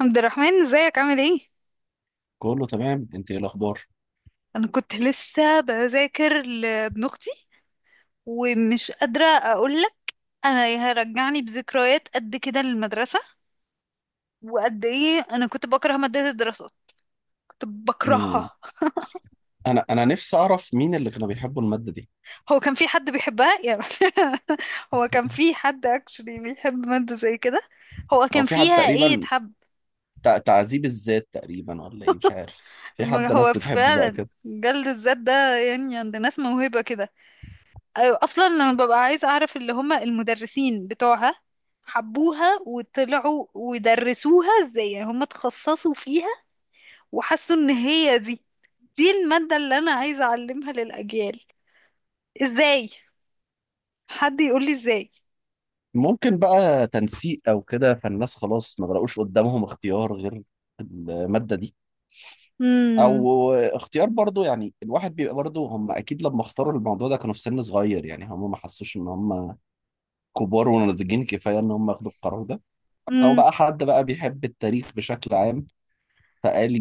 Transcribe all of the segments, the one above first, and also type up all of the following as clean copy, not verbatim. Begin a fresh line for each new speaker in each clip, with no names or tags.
عبد الرحمن، ازيك؟ عامل ايه؟
كله تمام، انت ايه الاخبار؟
انا كنت لسه بذاكر لابن اختي، ومش قادره اقول لك. انا هرجعني بذكريات قد كده للمدرسه، وقد ايه انا كنت بكره ماده الدراسات، كنت
مم.
بكرهها.
انا نفسي اعرف مين اللي كانوا بيحبوا الماده دي.
هو كان في حد بيحبها يعني؟ هو كان في حد اكشلي بيحب ماده زي كده؟ هو
او
كان
في حد
فيها ايه
تقريبا
يتحب؟
تعذيب الذات تقريبا، ولا ايه؟ مش عارف، في
ما
حد ناس
هو
بتحب بقى
فعلا
كده.
جلد الذات ده، يعني عند ناس موهبه كده. أيوة، اصلا انا ببقى عايزه اعرف اللي هم المدرسين بتوعها حبوها وطلعوا ودرسوها ازاي، يعني هم اتخصصوا فيها وحسوا ان هي دي الماده اللي انا عايزه اعلمها للاجيال ازاي؟ حد يقول لي ازاي؟
ممكن بقى تنسيق او كده، فالناس خلاص ما بلاقوش قدامهم اختيار غير الماده دي.
امم
او اختيار برضو، يعني الواحد بيبقى برضو، هم اكيد لما اختاروا الموضوع ده كانوا في سن صغير، يعني هم ما حسوش ان هم كبار وناضجين كفايه ان هم ياخدوا القرار ده. او
امم
بقى حد بقى بيحب التاريخ بشكل عام فقال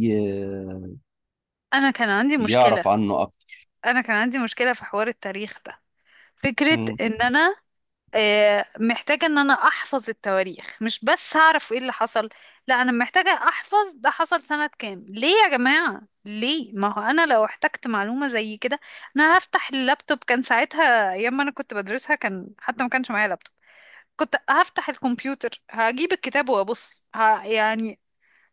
انا كان عندي مشكله
يعرف عنه اكتر.
انا كان عندي مشكله في حوار التاريخ ده. فكره
مم.
ان انا محتاجة ان انا احفظ التواريخ، مش بس هعرف ايه اللي حصل، لا، انا محتاجة احفظ ده حصل سنة كام. ليه يا جماعة؟ ليه؟ ما هو انا لو احتجت معلومة زي كده، انا هفتح اللابتوب. كان ساعتها ايام ما انا كنت بدرسها، كان حتى ما كانش معايا لابتوب. كنت هفتح الكمبيوتر، هجيب الكتاب وابص، يعني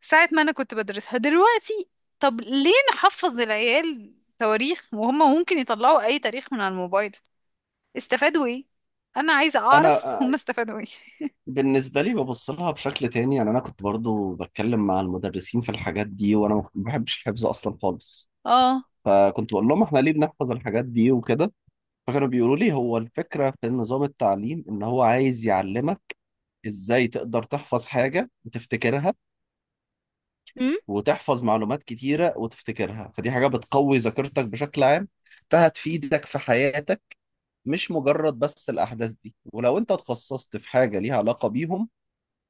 ساعة ما انا كنت بدرسها دلوقتي. طب ليه نحفظ العيال تواريخ وهم ممكن يطلعوا اي تاريخ من على الموبايل؟ استفادوا ايه؟ انا عايزه
انا
اعرف. هم
آه،
استفادوا ايه؟
بالنسبه لي ببص لها بشكل تاني، يعني انا كنت برضو بتكلم مع المدرسين في الحاجات دي، وانا ما بحبش الحفظ اصلا خالص.
اه.
فكنت بقول لهم احنا ليه بنحفظ الحاجات دي وكده. فكانوا بيقولوا لي هو الفكره في نظام التعليم ان هو عايز يعلمك ازاي تقدر تحفظ حاجه وتفتكرها،
امم.
وتحفظ معلومات كتيره وتفتكرها. فدي حاجه بتقوي ذاكرتك بشكل عام فهتفيدك في حياتك، مش مجرد بس الاحداث دي. ولو انت اتخصصت في حاجه ليها علاقه بيهم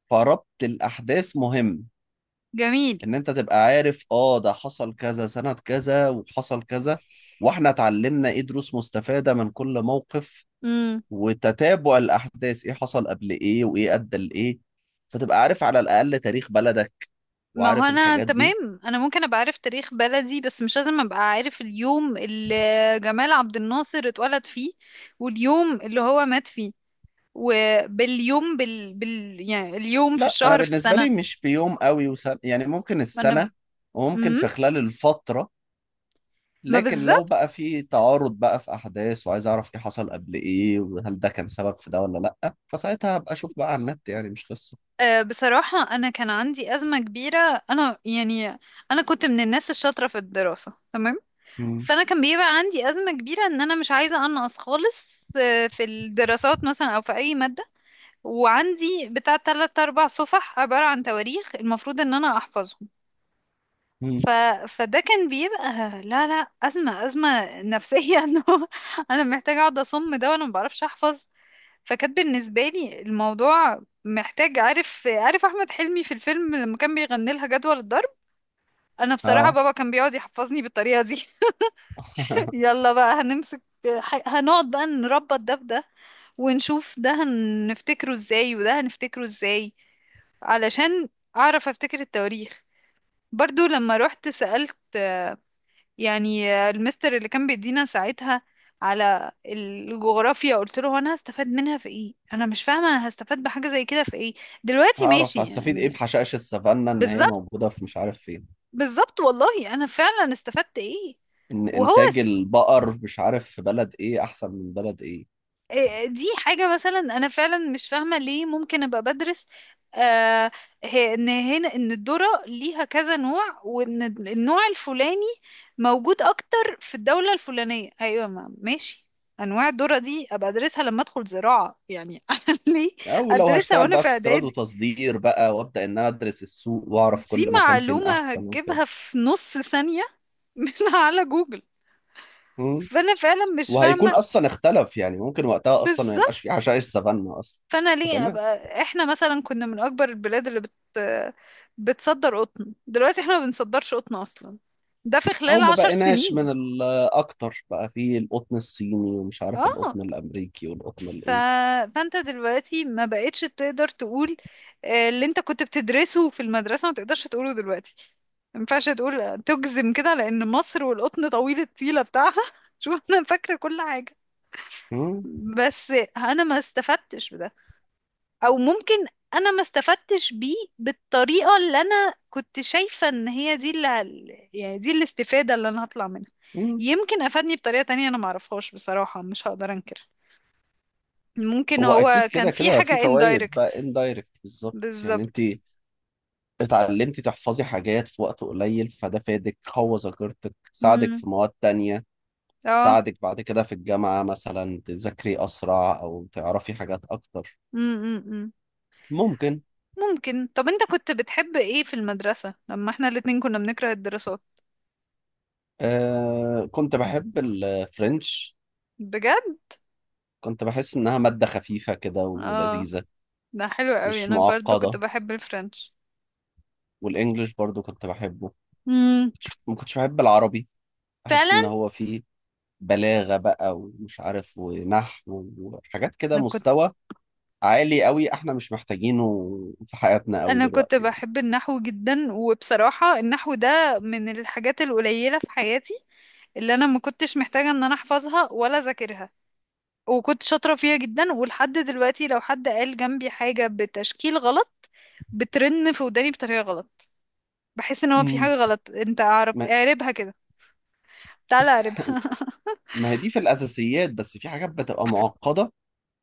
فربط الأحداث مهم.
جميل.
إن أنت تبقى عارف آه ده حصل كذا سنة كذا وحصل كذا، وإحنا اتعلمنا إيه دروس مستفادة من كل موقف،
امم.
وتتابع الأحداث إيه حصل قبل إيه وإيه أدى لإيه، فتبقى عارف على الأقل تاريخ بلدك
ما هو
وعارف
انا
الحاجات دي.
تمام، انا ممكن ابقى عارف تاريخ بلدي، بس مش لازم ابقى عارف اليوم اللي جمال عبد الناصر اتولد فيه، واليوم اللي هو مات فيه، وباليوم، يعني اليوم في
لا، أنا
الشهر في
بالنسبة
السنة.
لي مش بيوم قوي وسنة، يعني ممكن
ما انا.
السنة وممكن
امم.
في خلال الفترة،
ما
لكن لو
بالظبط.
بقى في تعارض بقى في احداث وعايز اعرف ايه حصل قبل ايه وهل ده كان سبب في ده ولا لا، فساعتها هبقى اشوف بقى على النت يعني، مش قصه.
بصراحة انا كان عندي أزمة كبيرة. انا يعني، انا كنت من الناس الشاطرة في الدراسة، تمام.
مم.
فانا كان بيبقى عندي ازمه كبيره ان انا مش عايزه انقص خالص، في الدراسات مثلا، او في اي ماده. وعندي بتاع تلات اربع صفح عباره عن تواريخ المفروض ان انا احفظهم.
مم.
ف... فده كان بيبقى، لا، لا، ازمه، ازمه نفسيه، انه انا محتاجه اقعد اصم ده وانا ما بعرفش احفظ. فكانت بالنسبه لي الموضوع محتاج، عارف احمد حلمي في الفيلم لما كان بيغني لها جدول الضرب؟ انا بصراحه
اه.
بابا كان بيقعد يحفظني بالطريقه دي. يلا بقى هنمسك، هنقعد بقى نربط ده بده، ونشوف ده هنفتكره ازاي وده هنفتكره ازاي، علشان اعرف افتكر التواريخ. برضو لما رحت سألت يعني المستر اللي كان بيدينا ساعتها على الجغرافيا، قلت له انا هستفاد منها في ايه؟ انا مش فاهمة انا هستفاد بحاجة زي كده في ايه دلوقتي،
هعرف
ماشي
هستفيد ايه
يعني؟
بحشائش السافانا ان هي
بالظبط.
موجوده في مش عارف فين.
بالظبط والله، انا فعلا استفدت ايه؟
ان
وهو،
انتاج البقر مش عارف في بلد ايه احسن من بلد ايه.
إيه، دي حاجة مثلا أنا فعلا مش فاهمة ليه ممكن أبقى بدرس، آه إن هنا إن الذرة ليها كذا نوع، وإن النوع الفلاني موجود أكتر في الدولة الفلانية، أيوة، ما ماشي. أنواع الذرة دي أبقى أدرسها لما أدخل زراعة يعني، أنا ليه
او لو
أدرسها
هشتغل
وأنا
بقى
في
في استيراد
إعدادي؟
وتصدير بقى، وابدا ان انا ادرس السوق واعرف
دي
كل مكان فين
معلومة
احسن وكده.
هتجيبها في نص ثانية من على جوجل.
مم.
فأنا فعلا مش
وهيكون
فاهمة.
اصلا اختلف، يعني ممكن وقتها اصلا ما يبقاش
بالظبط.
في حشائش سافانا اصلا.
فانا ليه
فتمام.
ابقى، احنا مثلا كنا من اكبر البلاد اللي بتصدر قطن، دلوقتي احنا ما بنصدرش قطن اصلا. ده في
او
خلال
ما
عشر
بقيناش من
سنين
الاكتر بقى في القطن الصيني ومش عارف
اه.
القطن الامريكي والقطن
ف...
الايه.
فانت دلوقتي ما بقتش تقدر تقول، اللي انت كنت بتدرسه في المدرسة ما تقدرش تقوله دلوقتي. ما ينفعش تقول تجزم كده لان مصر والقطن طويل الطيلة بتاعها. شوف انا فاكرة كل حاجة،
مم.
بس انا ما استفدتش بده. او ممكن انا ما استفدتش بيه بالطريقة اللي انا كنت شايفة ان هي دي اللي يعني دي الاستفادة اللي انا هطلع منها.
مم.
يمكن افادني بطريقة تانية انا معرفهاش، بصراحة مش هقدر انكر. ممكن
هو اكيد
هو كان
كده
في
كده
حاجة
في فوائد بقى
indirect.
اندايركت بالظبط، يعني انت
بالظبط.
اتعلمتي تحفظي حاجات في وقت قليل، فده فادك قوى ذاكرتك ساعدك
امم.
في مواد تانية.
اه.
ساعدك بعد كده في الجامعة مثلا تذاكري اسرع او تعرفي حاجات اكتر.
امم.
ممكن.
ممكن. طب انت كنت بتحب ايه في المدرسة لما احنا الاتنين كنا بنكره الدراسات؟
كنت بحب الفرنش.
بجد؟
كنت بحس انها مادة خفيفة كده
اه،
ولذيذة.
ده حلو قوي،
مش
انا برضو كنت
معقدة.
بحب الفرنش.
والانجليش برضو كنت بحبه.
امم.
ما كنتش بحب العربي، احس ان
فعلا.
هو فيه بلاغة بقى ومش عارف ونحو وحاجات كده
انا كنت
مستوى عالي قوي احنا مش محتاجينه في حياتنا قوي
انا كنت
دلوقتي يعني.
بحب النحو جدا، وبصراحة النحو ده من الحاجات القليلة في حياتي اللي انا ما كنتش محتاجة ان انا احفظها ولا اذاكرها، وكنت شاطرة فيها جدا. ولحد دلوقتي لو حد قال جنبي حاجة بتشكيل غلط، بترن في وداني بطريقة غلط، بحس ان هو في حاجة
امم.
غلط. انت اعرب
ما
اعربها كده، تعالى اعربها.
ما هي دي في الاساسيات، بس في حاجات بتبقى معقدة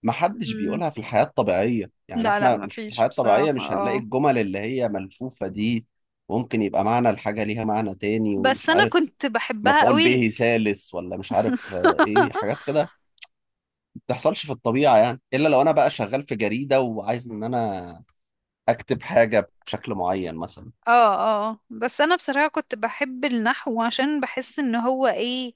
ما حدش
م-
بيقولها في الحياة الطبيعية، يعني
لا، لا،
احنا
ما
مش في
فيش
الحياة الطبيعية،
بصراحة،
مش هنلاقي
اه،
الجمل اللي هي ملفوفة دي. ممكن يبقى معنى الحاجة ليها معنى تاني،
بس
ومش
انا
عارف
كنت بحبها
مفعول
قوي.
به ثالث ولا مش عارف ايه حاجات كده تحصلش في الطبيعة، يعني إلا لو أنا بقى شغال في جريدة وعايز إن أنا أكتب حاجة بشكل معين مثلا.
اه، اه، بس انا بصراحة كنت بحب النحو عشان بحس ان هو، ايه،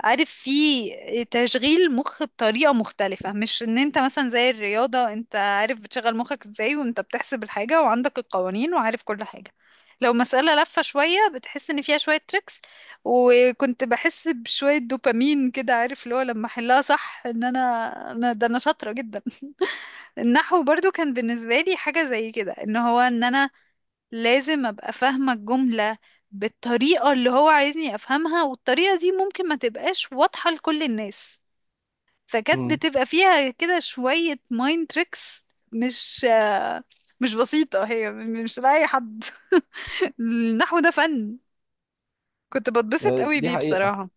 عارف، فيه تشغيل مخ بطريقة مختلفة، مش ان انت مثلا زي الرياضة، انت عارف بتشغل مخك ازاي وانت بتحسب الحاجة وعندك القوانين وعارف كل حاجة، لو مسألة لفة شوية بتحس ان فيها شوية تريكس، وكنت بحس بشوية دوبامين كده، عارف اللي هو لما احلها صح ان انا ده انا شاطرة جدا. النحو برضو كان بالنسبة لي حاجة زي كده، ان هو ان انا لازم ابقى فاهمة الجملة بالطريقة اللي هو عايزني افهمها، والطريقة دي ممكن ما تبقاش واضحة لكل الناس، فكانت
مم.
بتبقى فيها كده شوية مايند تريكس. مش آه، مش بسيطة، هي مش لأي حد. النحو ده فن، كنت بتبسط
آه،
قوي
دي
بيه
حقيقة.
بصراحة.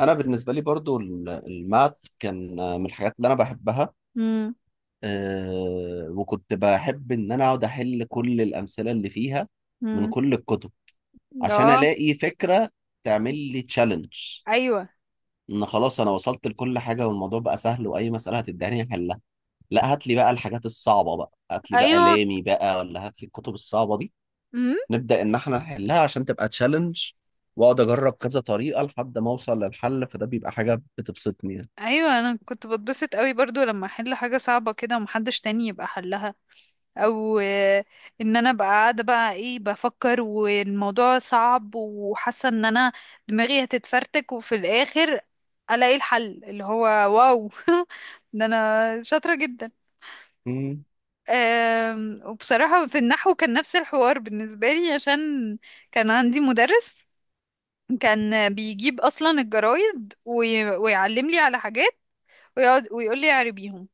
أنا بالنسبة لي برضو الماث كان من الحاجات اللي أنا بحبها.
امم.
وكنت بحب إن أنا أقعد أحل كل الأمثلة اللي فيها من
امم.
كل الكتب، عشان
اه.
ألاقي فكرة تعمل لي تشالنج
ايوه.
إن خلاص أنا وصلت لكل حاجة والموضوع بقى سهل وأي مسألة هتداني أحلها. لا، هات لي بقى الحاجات الصعبة بقى، هات لي بقى
ايوه.
لامي بقى، ولا هات لي الكتب الصعبة دي
امم.
نبدأ إن إحنا نحلها عشان تبقى تشالنج. وأقعد أجرب كذا طريقة لحد ما أوصل للحل، فده بيبقى حاجة بتبسطني يعني.
ايوه، انا كنت بتبسط قوي برضو لما احل حاجة صعبة كده ومحدش تاني يبقى حلها، او ان انا ابقى قاعده بقى ايه بفكر والموضوع صعب، وحاسه ان انا دماغي هتتفرتك، وفي الاخر الاقي الحل اللي هو، واو! ده انا شاطره جدا.
مم.
وبصراحه في النحو كان نفس الحوار بالنسبه لي، عشان كان عندي مدرس كان بيجيب اصلا الجرايد ويعلم لي على حاجات، ويقعد ويقول لي اعربيهم،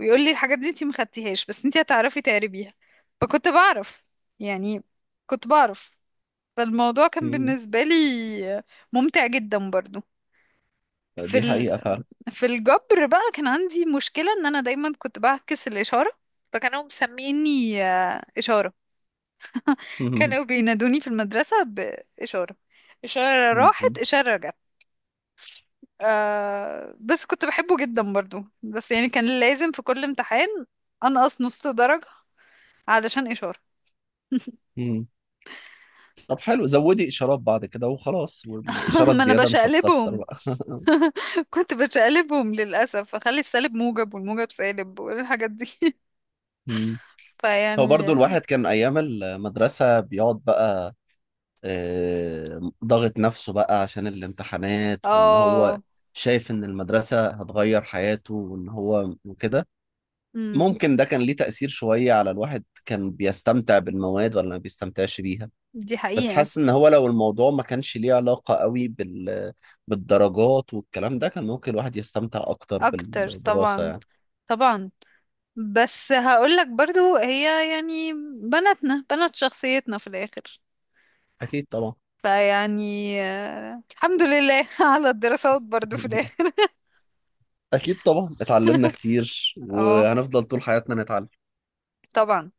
ويقول لي الحاجات دي انتي ما خدتيهاش بس انتي هتعرفي تقربيها. فكنت بعرف، يعني كنت بعرف. فالموضوع كان
مم.
بالنسبة لي ممتع جدا برضو. في
دي
ال...
حقيقة فعلا.
في الجبر بقى كان عندي مشكلة ان انا دايما كنت بعكس الإشارة، فكانوا مسميني إشارة.
مم.
كانوا بينادوني في المدرسة بإشارة، إشارة راحت
مم.
إشارة رجعت. آه، بس كنت بحبه جدا برضو، بس يعني كان لازم في كل امتحان أنقص نص درجة علشان إشارة.
مم. طب حلو، زودي إشارات بعد كده وخلاص، والإشارة
ما انا
الزيادة مش هتخسر
بشقلبهم،
بقى.
كنت بشقلبهم للاسف، اخلي السالب موجب والموجب سالب والحاجات دي.
مم. هو برضو
فيعني.
الواحد كان أيام المدرسة بيقعد بقى ضاغط نفسه بقى عشان الامتحانات، وإن هو
اه.
شايف إن المدرسة هتغير حياته وإن هو وكده.
امم.
ممكن ده كان ليه تأثير شوية على الواحد، كان بيستمتع بالمواد ولا ما بيستمتعش بيها.
دي
بس
حقيقة.
حاسس ان هو لو الموضوع ما كانش ليه علاقة قوي بال... بالدرجات والكلام ده، كان ممكن الواحد يستمتع اكتر
اكتر
بالدراسة
طبعا.
يعني.
طبعا، بس هقولك برضو، هي يعني بناتنا بنات شخصيتنا في الاخر.
اكيد طبعا.
فيعني الحمد لله على الدراسات برضو في الاخر.
اكيد طبعا، اتعلمنا كتير
اه،
وهنفضل طول حياتنا نتعلم.
طبعا.